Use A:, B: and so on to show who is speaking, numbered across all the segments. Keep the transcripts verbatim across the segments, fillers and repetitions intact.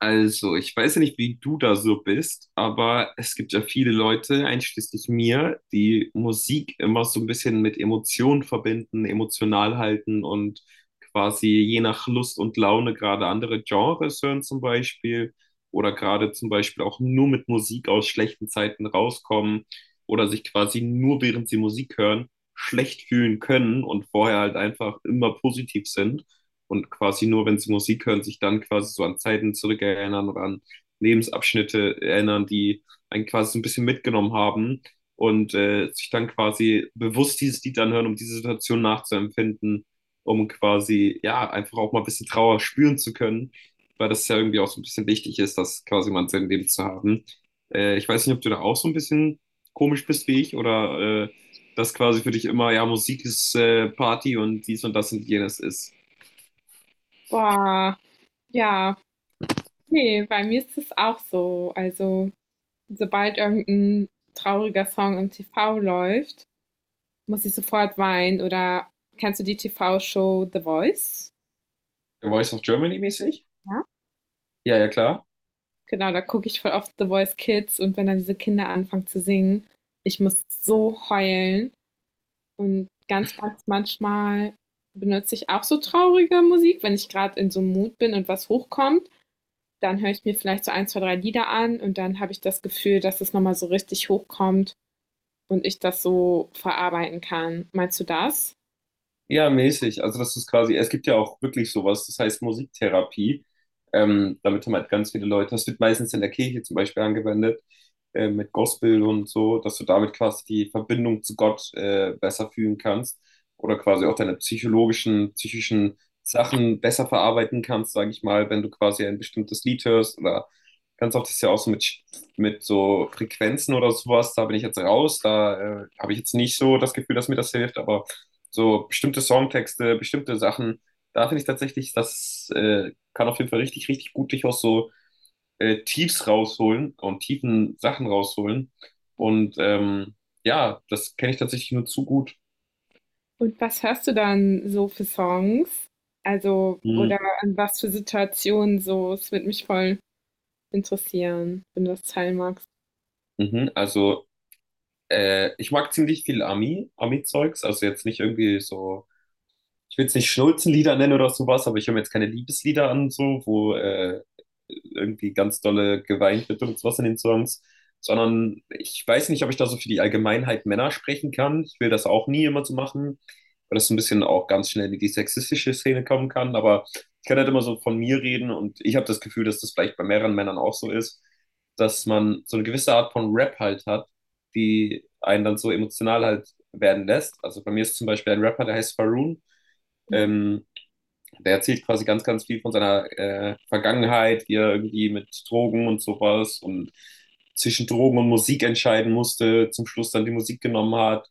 A: Also, ich weiß ja nicht, wie du da so bist, aber es gibt ja viele Leute, einschließlich mir, die Musik immer so ein bisschen mit Emotionen verbinden, emotional halten und quasi je nach Lust und Laune gerade andere Genres hören zum Beispiel oder gerade zum Beispiel auch nur mit Musik aus schlechten Zeiten rauskommen oder sich quasi nur während sie Musik hören schlecht fühlen können und vorher halt einfach immer positiv sind und quasi nur, wenn sie Musik hören, sich dann quasi so an Zeiten zurückerinnern oder an Lebensabschnitte erinnern, die einen quasi so ein bisschen mitgenommen haben und äh, sich dann quasi bewusst dieses Lied anhören, um diese Situation nachzuempfinden, um quasi ja einfach auch mal ein bisschen Trauer spüren zu können, weil das ja irgendwie auch so ein bisschen wichtig ist, das quasi mal in seinem Leben zu haben. Äh, ich weiß nicht, ob du da auch so ein bisschen komisch bist wie ich oder äh, das quasi für dich immer, ja, Musik ist äh, Party und dies und das und jenes ist.
B: Boah, ja, nee, bei mir ist es auch so. Also, sobald irgendein trauriger Song im T V läuft, muss ich sofort weinen. Oder kennst du die T V-Show The Voice?
A: Voice of Germany mäßig?
B: Ja.
A: Ja, ja, klar.
B: Genau, da gucke ich voll oft The Voice Kids, und wenn dann diese Kinder anfangen zu singen, ich muss so heulen. Und ganz, ganz manchmal benutze ich auch so traurige Musik, wenn ich gerade in so einem Mut bin und was hochkommt. Dann höre ich mir vielleicht so eins, zwei, drei Lieder an, und dann habe ich das Gefühl, dass es nochmal so richtig hochkommt und ich das so verarbeiten kann. Meinst du das?
A: Ja, mäßig. Also das ist quasi, es gibt ja auch wirklich sowas, das heißt Musiktherapie. Ähm, damit haben halt ganz viele Leute, das wird meistens in der Kirche zum Beispiel angewendet, äh, mit Gospel und so, dass du damit quasi die Verbindung zu Gott äh, besser fühlen kannst oder quasi auch deine psychologischen, psychischen Sachen besser verarbeiten kannst, sage ich mal, wenn du quasi ein bestimmtes Lied hörst oder ganz oft ist ja auch so mit, mit so Frequenzen oder sowas. Da bin ich jetzt raus, da äh, habe ich jetzt nicht so das Gefühl, dass mir das hilft, aber so bestimmte Songtexte, bestimmte Sachen. Da finde ich tatsächlich, das äh, kann auf jeden Fall richtig, richtig gut dich aus so äh, Tiefs rausholen und tiefen Sachen rausholen. Und ähm, ja, das kenne ich tatsächlich nur zu gut.
B: Und was hörst du dann so für Songs? Also, oder
A: Mhm.
B: an was für Situationen so? Es würde mich voll interessieren, wenn du das teilen magst.
A: Mhm. Also, äh, ich mag ziemlich viel Ami, Ami-Zeugs, also jetzt nicht irgendwie so, ich will es nicht Schnulzenlieder nennen oder sowas, aber ich höre mir jetzt keine Liebeslieder an, so, wo äh, irgendwie ganz dolle geweint wird und sowas in den Songs, sondern ich weiß nicht, ob ich da so für die Allgemeinheit Männer sprechen kann. Ich will das auch nie immer so machen, weil das so ein bisschen auch ganz schnell in die sexistische Szene kommen kann, aber ich kann halt immer so von mir reden und ich habe das Gefühl, dass das vielleicht bei mehreren Männern auch so ist, dass man so eine gewisse Art von Rap halt hat, die einen dann so emotional halt werden lässt. Also bei mir ist zum Beispiel ein Rapper, der heißt Faroon.
B: Mhm.
A: Ähm, Der erzählt quasi ganz, ganz viel von seiner äh, Vergangenheit, wie er irgendwie mit Drogen und sowas und zwischen Drogen und Musik entscheiden musste, zum Schluss dann die Musik genommen hat,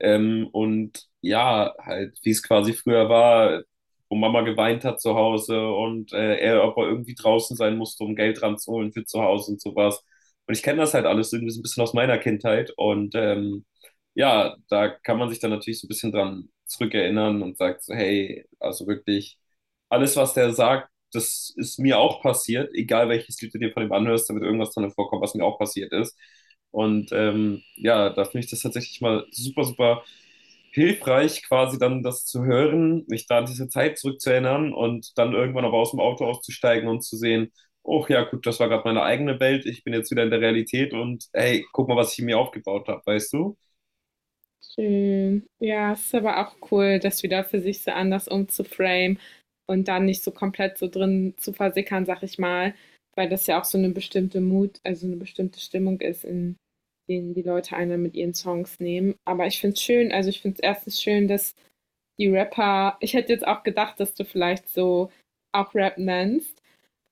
A: ähm, und ja, halt, wie es quasi früher war, wo Mama geweint hat zu Hause und äh, er, ob er irgendwie draußen sein musste, um Geld ranzuholen für zu Hause und sowas. Und ich kenne das halt alles irgendwie so ein bisschen aus meiner Kindheit. Und ähm, ja, da kann man sich dann natürlich so ein bisschen dran zurückerinnern und sagt so, hey, also wirklich, alles, was der sagt, das ist mir auch passiert, egal welches Lied du dir von ihm anhörst, da wird irgendwas drin vorkommen, was mir auch passiert ist. Und ähm, ja, da finde ich das tatsächlich mal super, super hilfreich, quasi dann das zu hören, mich da an diese Zeit zurückzuerinnern und dann irgendwann aber aus dem Auto auszusteigen und zu sehen, oh ja, gut, das war gerade meine eigene Welt, ich bin jetzt wieder in der Realität und hey, guck mal, was ich mir aufgebaut habe, weißt du?
B: Schön. Ja, es ist aber auch cool, das wieder für sich so anders umzuframen und dann nicht so komplett so drin zu versickern, sag ich mal, weil das ja auch so eine bestimmte Mut, also eine bestimmte Stimmung ist, in denen die Leute einer mit ihren Songs nehmen. Aber ich finde es schön, also ich finde es erstens schön, dass die Rapper, ich hätte jetzt auch gedacht, dass du vielleicht so auch Rap nennst,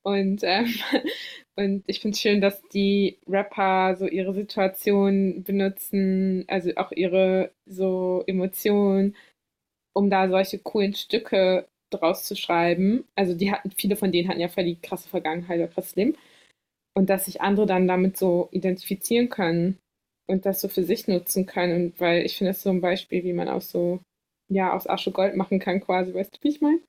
B: und ähm, und ich finde es schön, dass die Rapper so ihre Situation benutzen, also auch ihre so Emotionen, um da solche coolen Stücke draus zu schreiben. Also die hatten, viele von denen hatten ja voll die krasse Vergangenheit oder krasses Leben. Und dass sich andere dann damit so identifizieren können und das so für sich nutzen können. Und weil ich finde, das ist so ein Beispiel, wie man auch so, ja, aus Asche Gold machen kann quasi, weißt du, wie ich meine?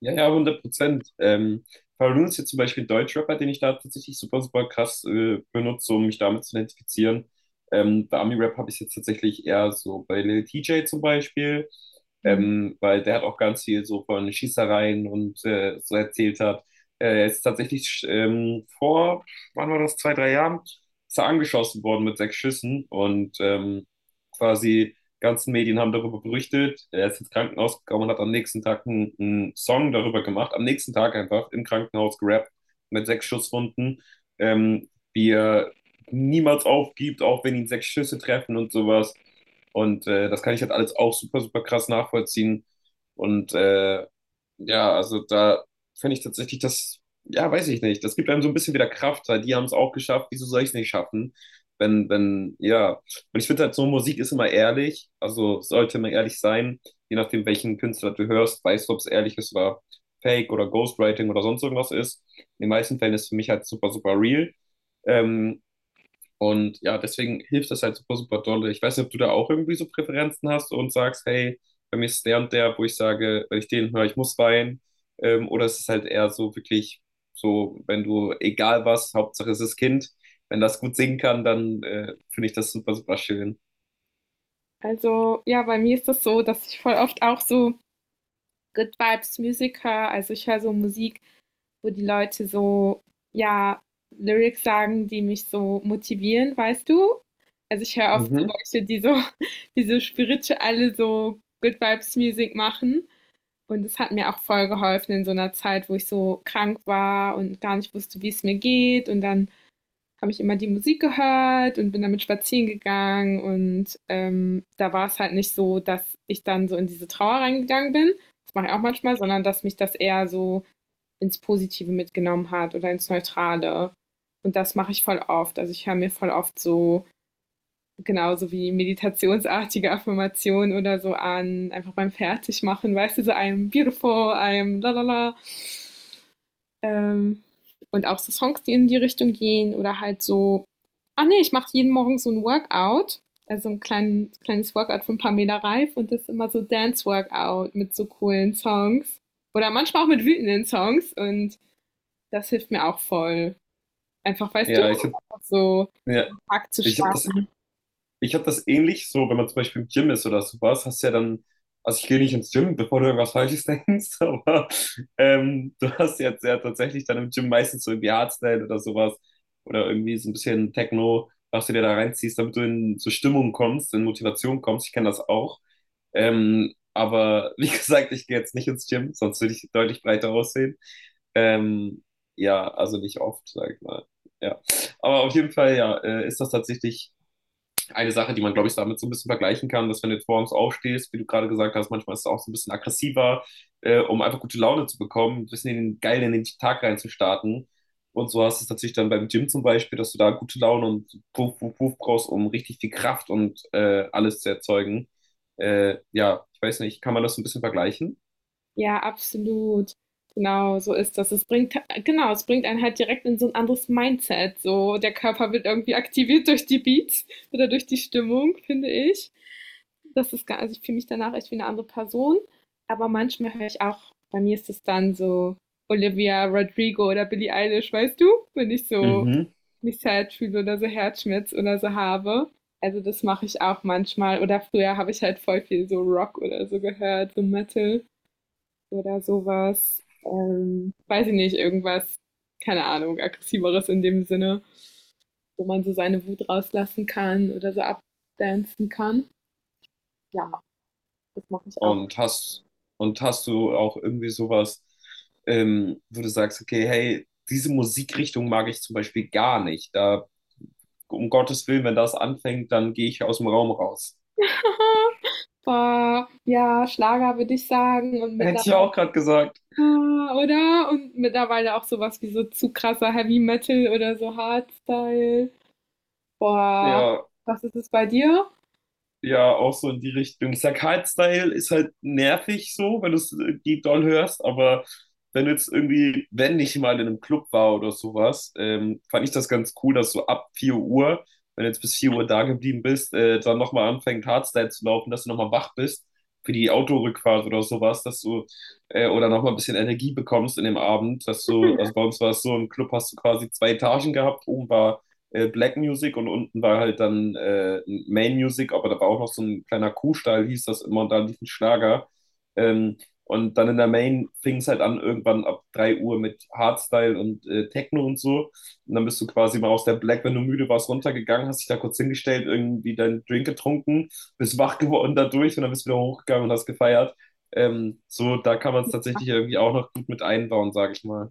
A: Ja, ja, hundert Prozent. Ähm, Faroon ist jetzt zum Beispiel ein Deutschrapper, den ich da tatsächlich super, super krass äh, benutze, um mich damit zu identifizieren. Ähm, bei Ami-Rap habe ich es jetzt tatsächlich eher so bei Lil T J zum Beispiel,
B: Mhm.
A: ähm, weil der hat auch ganz viel so von Schießereien und äh, so erzählt hat. Äh, Er ist tatsächlich ähm, vor, wann war das, zwei, drei Jahren, ist er angeschossen worden mit sechs Schüssen und ähm, quasi ganzen Medien haben darüber berichtet. Er ist ins Krankenhaus gekommen und hat am nächsten Tag einen, einen Song darüber gemacht. Am nächsten Tag einfach im Krankenhaus gerappt mit sechs Schusswunden, ähm, wie er niemals aufgibt, auch wenn ihn sechs Schüsse treffen und sowas. Und äh, das kann ich halt alles auch super, super krass nachvollziehen. Und äh, ja, also da finde ich tatsächlich das, ja, weiß ich nicht. Das gibt einem so ein bisschen wieder Kraft, weil die haben es auch geschafft. Wieso soll ich es nicht schaffen? Wenn, wenn, ja. Und ich finde halt so, Musik ist immer ehrlich. Also sollte man ehrlich sein. Je nachdem, welchen Künstler du hörst, weißt du, ob es ehrlich ist oder Fake oder Ghostwriting oder sonst irgendwas ist. In den meisten Fällen ist es für mich halt super, super real. Ähm, und ja, deswegen hilft das halt super, super dolle. Ich weiß nicht, ob du da auch irgendwie so Präferenzen hast und sagst, hey, bei mir ist der und der, wo ich sage, wenn ich den höre, ich muss weinen. Ähm, oder es ist halt eher so wirklich so, wenn du, egal was, Hauptsache es ist Kind, wenn das gut singen kann, dann äh, finde ich das super, super schön.
B: Also, ja, bei mir ist das so, dass ich voll oft auch so Good Vibes Musiker. Also ich höre so Musik, wo die Leute so, ja, Lyrics sagen, die mich so motivieren, weißt du? Also ich höre oft
A: Mhm.
B: so Leute, die so, die so spirituelle, so Good Vibes Music machen. Und das hat mir auch voll geholfen in so einer Zeit, wo ich so krank war und gar nicht wusste, wie es mir geht. Und dann habe ich immer die Musik gehört und bin damit spazieren gegangen. Und ähm, da war es halt nicht so, dass ich dann so in diese Trauer reingegangen bin. Das mache ich auch manchmal, sondern dass mich das eher so ins Positive mitgenommen hat oder ins Neutrale. Und das mache ich voll oft. Also ich höre mir voll oft so, genauso wie meditationsartige Affirmationen oder so an, einfach beim Fertigmachen, weißt du, so einem beautiful, I'm la la la. Ähm, und auch so Songs, die in die Richtung gehen oder halt so, ah nee, ich mache jeden Morgen so ein Workout, also ein klein, kleines Workout von Pamela Reif, und das ist immer so Dance-Workout mit so coolen Songs oder manchmal auch mit wütenden Songs, und das hilft mir auch voll. Einfach, weißt du,
A: Ja, ich habe
B: so
A: ja,
B: Tag zu
A: ich hab das
B: starten.
A: Ich habe das ähnlich so, wenn man zum Beispiel im Gym ist oder sowas, hast du ja dann, also ich gehe nicht ins Gym, bevor du irgendwas Falsches denkst, aber ähm, du hast jetzt ja tatsächlich dann im Gym meistens so irgendwie Hardstyle oder sowas oder irgendwie so ein bisschen Techno, was du dir da reinziehst, damit du in so Stimmung kommst, in Motivation kommst. Ich kenne das auch. Ähm, aber wie gesagt, ich gehe jetzt nicht ins Gym, sonst würde ich deutlich breiter aussehen. Ähm, ja, also nicht oft, sag ich mal. Ja. Aber auf jeden Fall, ja, äh, ist das tatsächlich eine Sache, die man, glaube ich, damit so ein bisschen vergleichen kann, dass wenn du jetzt morgens aufstehst, wie du gerade gesagt hast, manchmal ist es auch so ein bisschen aggressiver, äh, um einfach gute Laune zu bekommen, ein bisschen in den, geil in den Tag reinzustarten. Und so hast du es natürlich dann beim Gym zum Beispiel, dass du da gute Laune und Puff, Puff, Puff brauchst, um richtig viel Kraft und äh, alles zu erzeugen. Äh, ja, ich weiß nicht, kann man das so ein bisschen vergleichen?
B: Ja, absolut. Genau, so ist das. Es bringt, genau, es bringt einen halt direkt in so ein anderes Mindset. So, der Körper wird irgendwie aktiviert durch die Beats oder durch die Stimmung, finde ich. Das ist, gar- also ich fühle mich danach echt wie eine andere Person. Aber manchmal höre ich auch, bei mir ist es dann so Olivia Rodrigo oder Billie Eilish, weißt du? Wenn ich so
A: Mhm.
B: mich sad fühle oder so Herzschmerz oder so habe. Also das mache ich auch manchmal. Oder früher habe ich halt voll viel so Rock oder so gehört, so Metal oder sowas. Ähm, weiß ich nicht, irgendwas, keine Ahnung, aggressiveres in dem Sinne, wo man so seine Wut rauslassen kann oder so abdancen kann. Ja, das mache ich auch.
A: Und hast, und hast du auch irgendwie sowas, ähm, wo du sagst, okay, hey, diese Musikrichtung mag ich zum Beispiel gar nicht. Da um Gottes Willen, wenn das anfängt, dann gehe ich aus dem Raum raus.
B: Aha. Boah, ja, Schlager würde ich sagen, und
A: Hätte ich
B: mittlerweile
A: auch gerade gesagt.
B: ah, oder? Und mittlerweile auch sowas wie so zu krasser Heavy Metal oder so Hardstyle. Boah,
A: Ja,
B: was ist es bei dir?
A: ja, auch so in die Richtung. Zack Hyde-Style ist halt nervig so, wenn du es die doll hörst, aber wenn du jetzt irgendwie, wenn ich mal in einem Club war oder sowas, ähm, fand ich das ganz cool, dass so ab vier Uhr, wenn du jetzt bis vier Uhr da geblieben bist, äh, dann nochmal anfängt Hardstyle zu laufen, dass du nochmal wach bist für die Autorückfahrt oder sowas, dass du äh, oder nochmal ein bisschen Energie bekommst in dem Abend, dass du, also bei uns war es so, im Club hast du quasi zwei Etagen gehabt, oben war äh, Black Music und unten war halt dann äh, Main Music, aber da war auch noch so ein kleiner Kuhstall, hieß das immer, und da lief ein Schlager. Ähm, und dann in der Main fing es halt an, irgendwann ab drei Uhr mit Hardstyle und äh, Techno und so. Und dann bist du quasi mal aus der Black, wenn du müde warst, runtergegangen, hast dich da kurz hingestellt, irgendwie deinen Drink getrunken, bist wach geworden dadurch und dann bist du wieder hochgegangen und hast gefeiert. Ähm, so, da kann man es tatsächlich irgendwie auch noch gut mit einbauen, sage ich mal.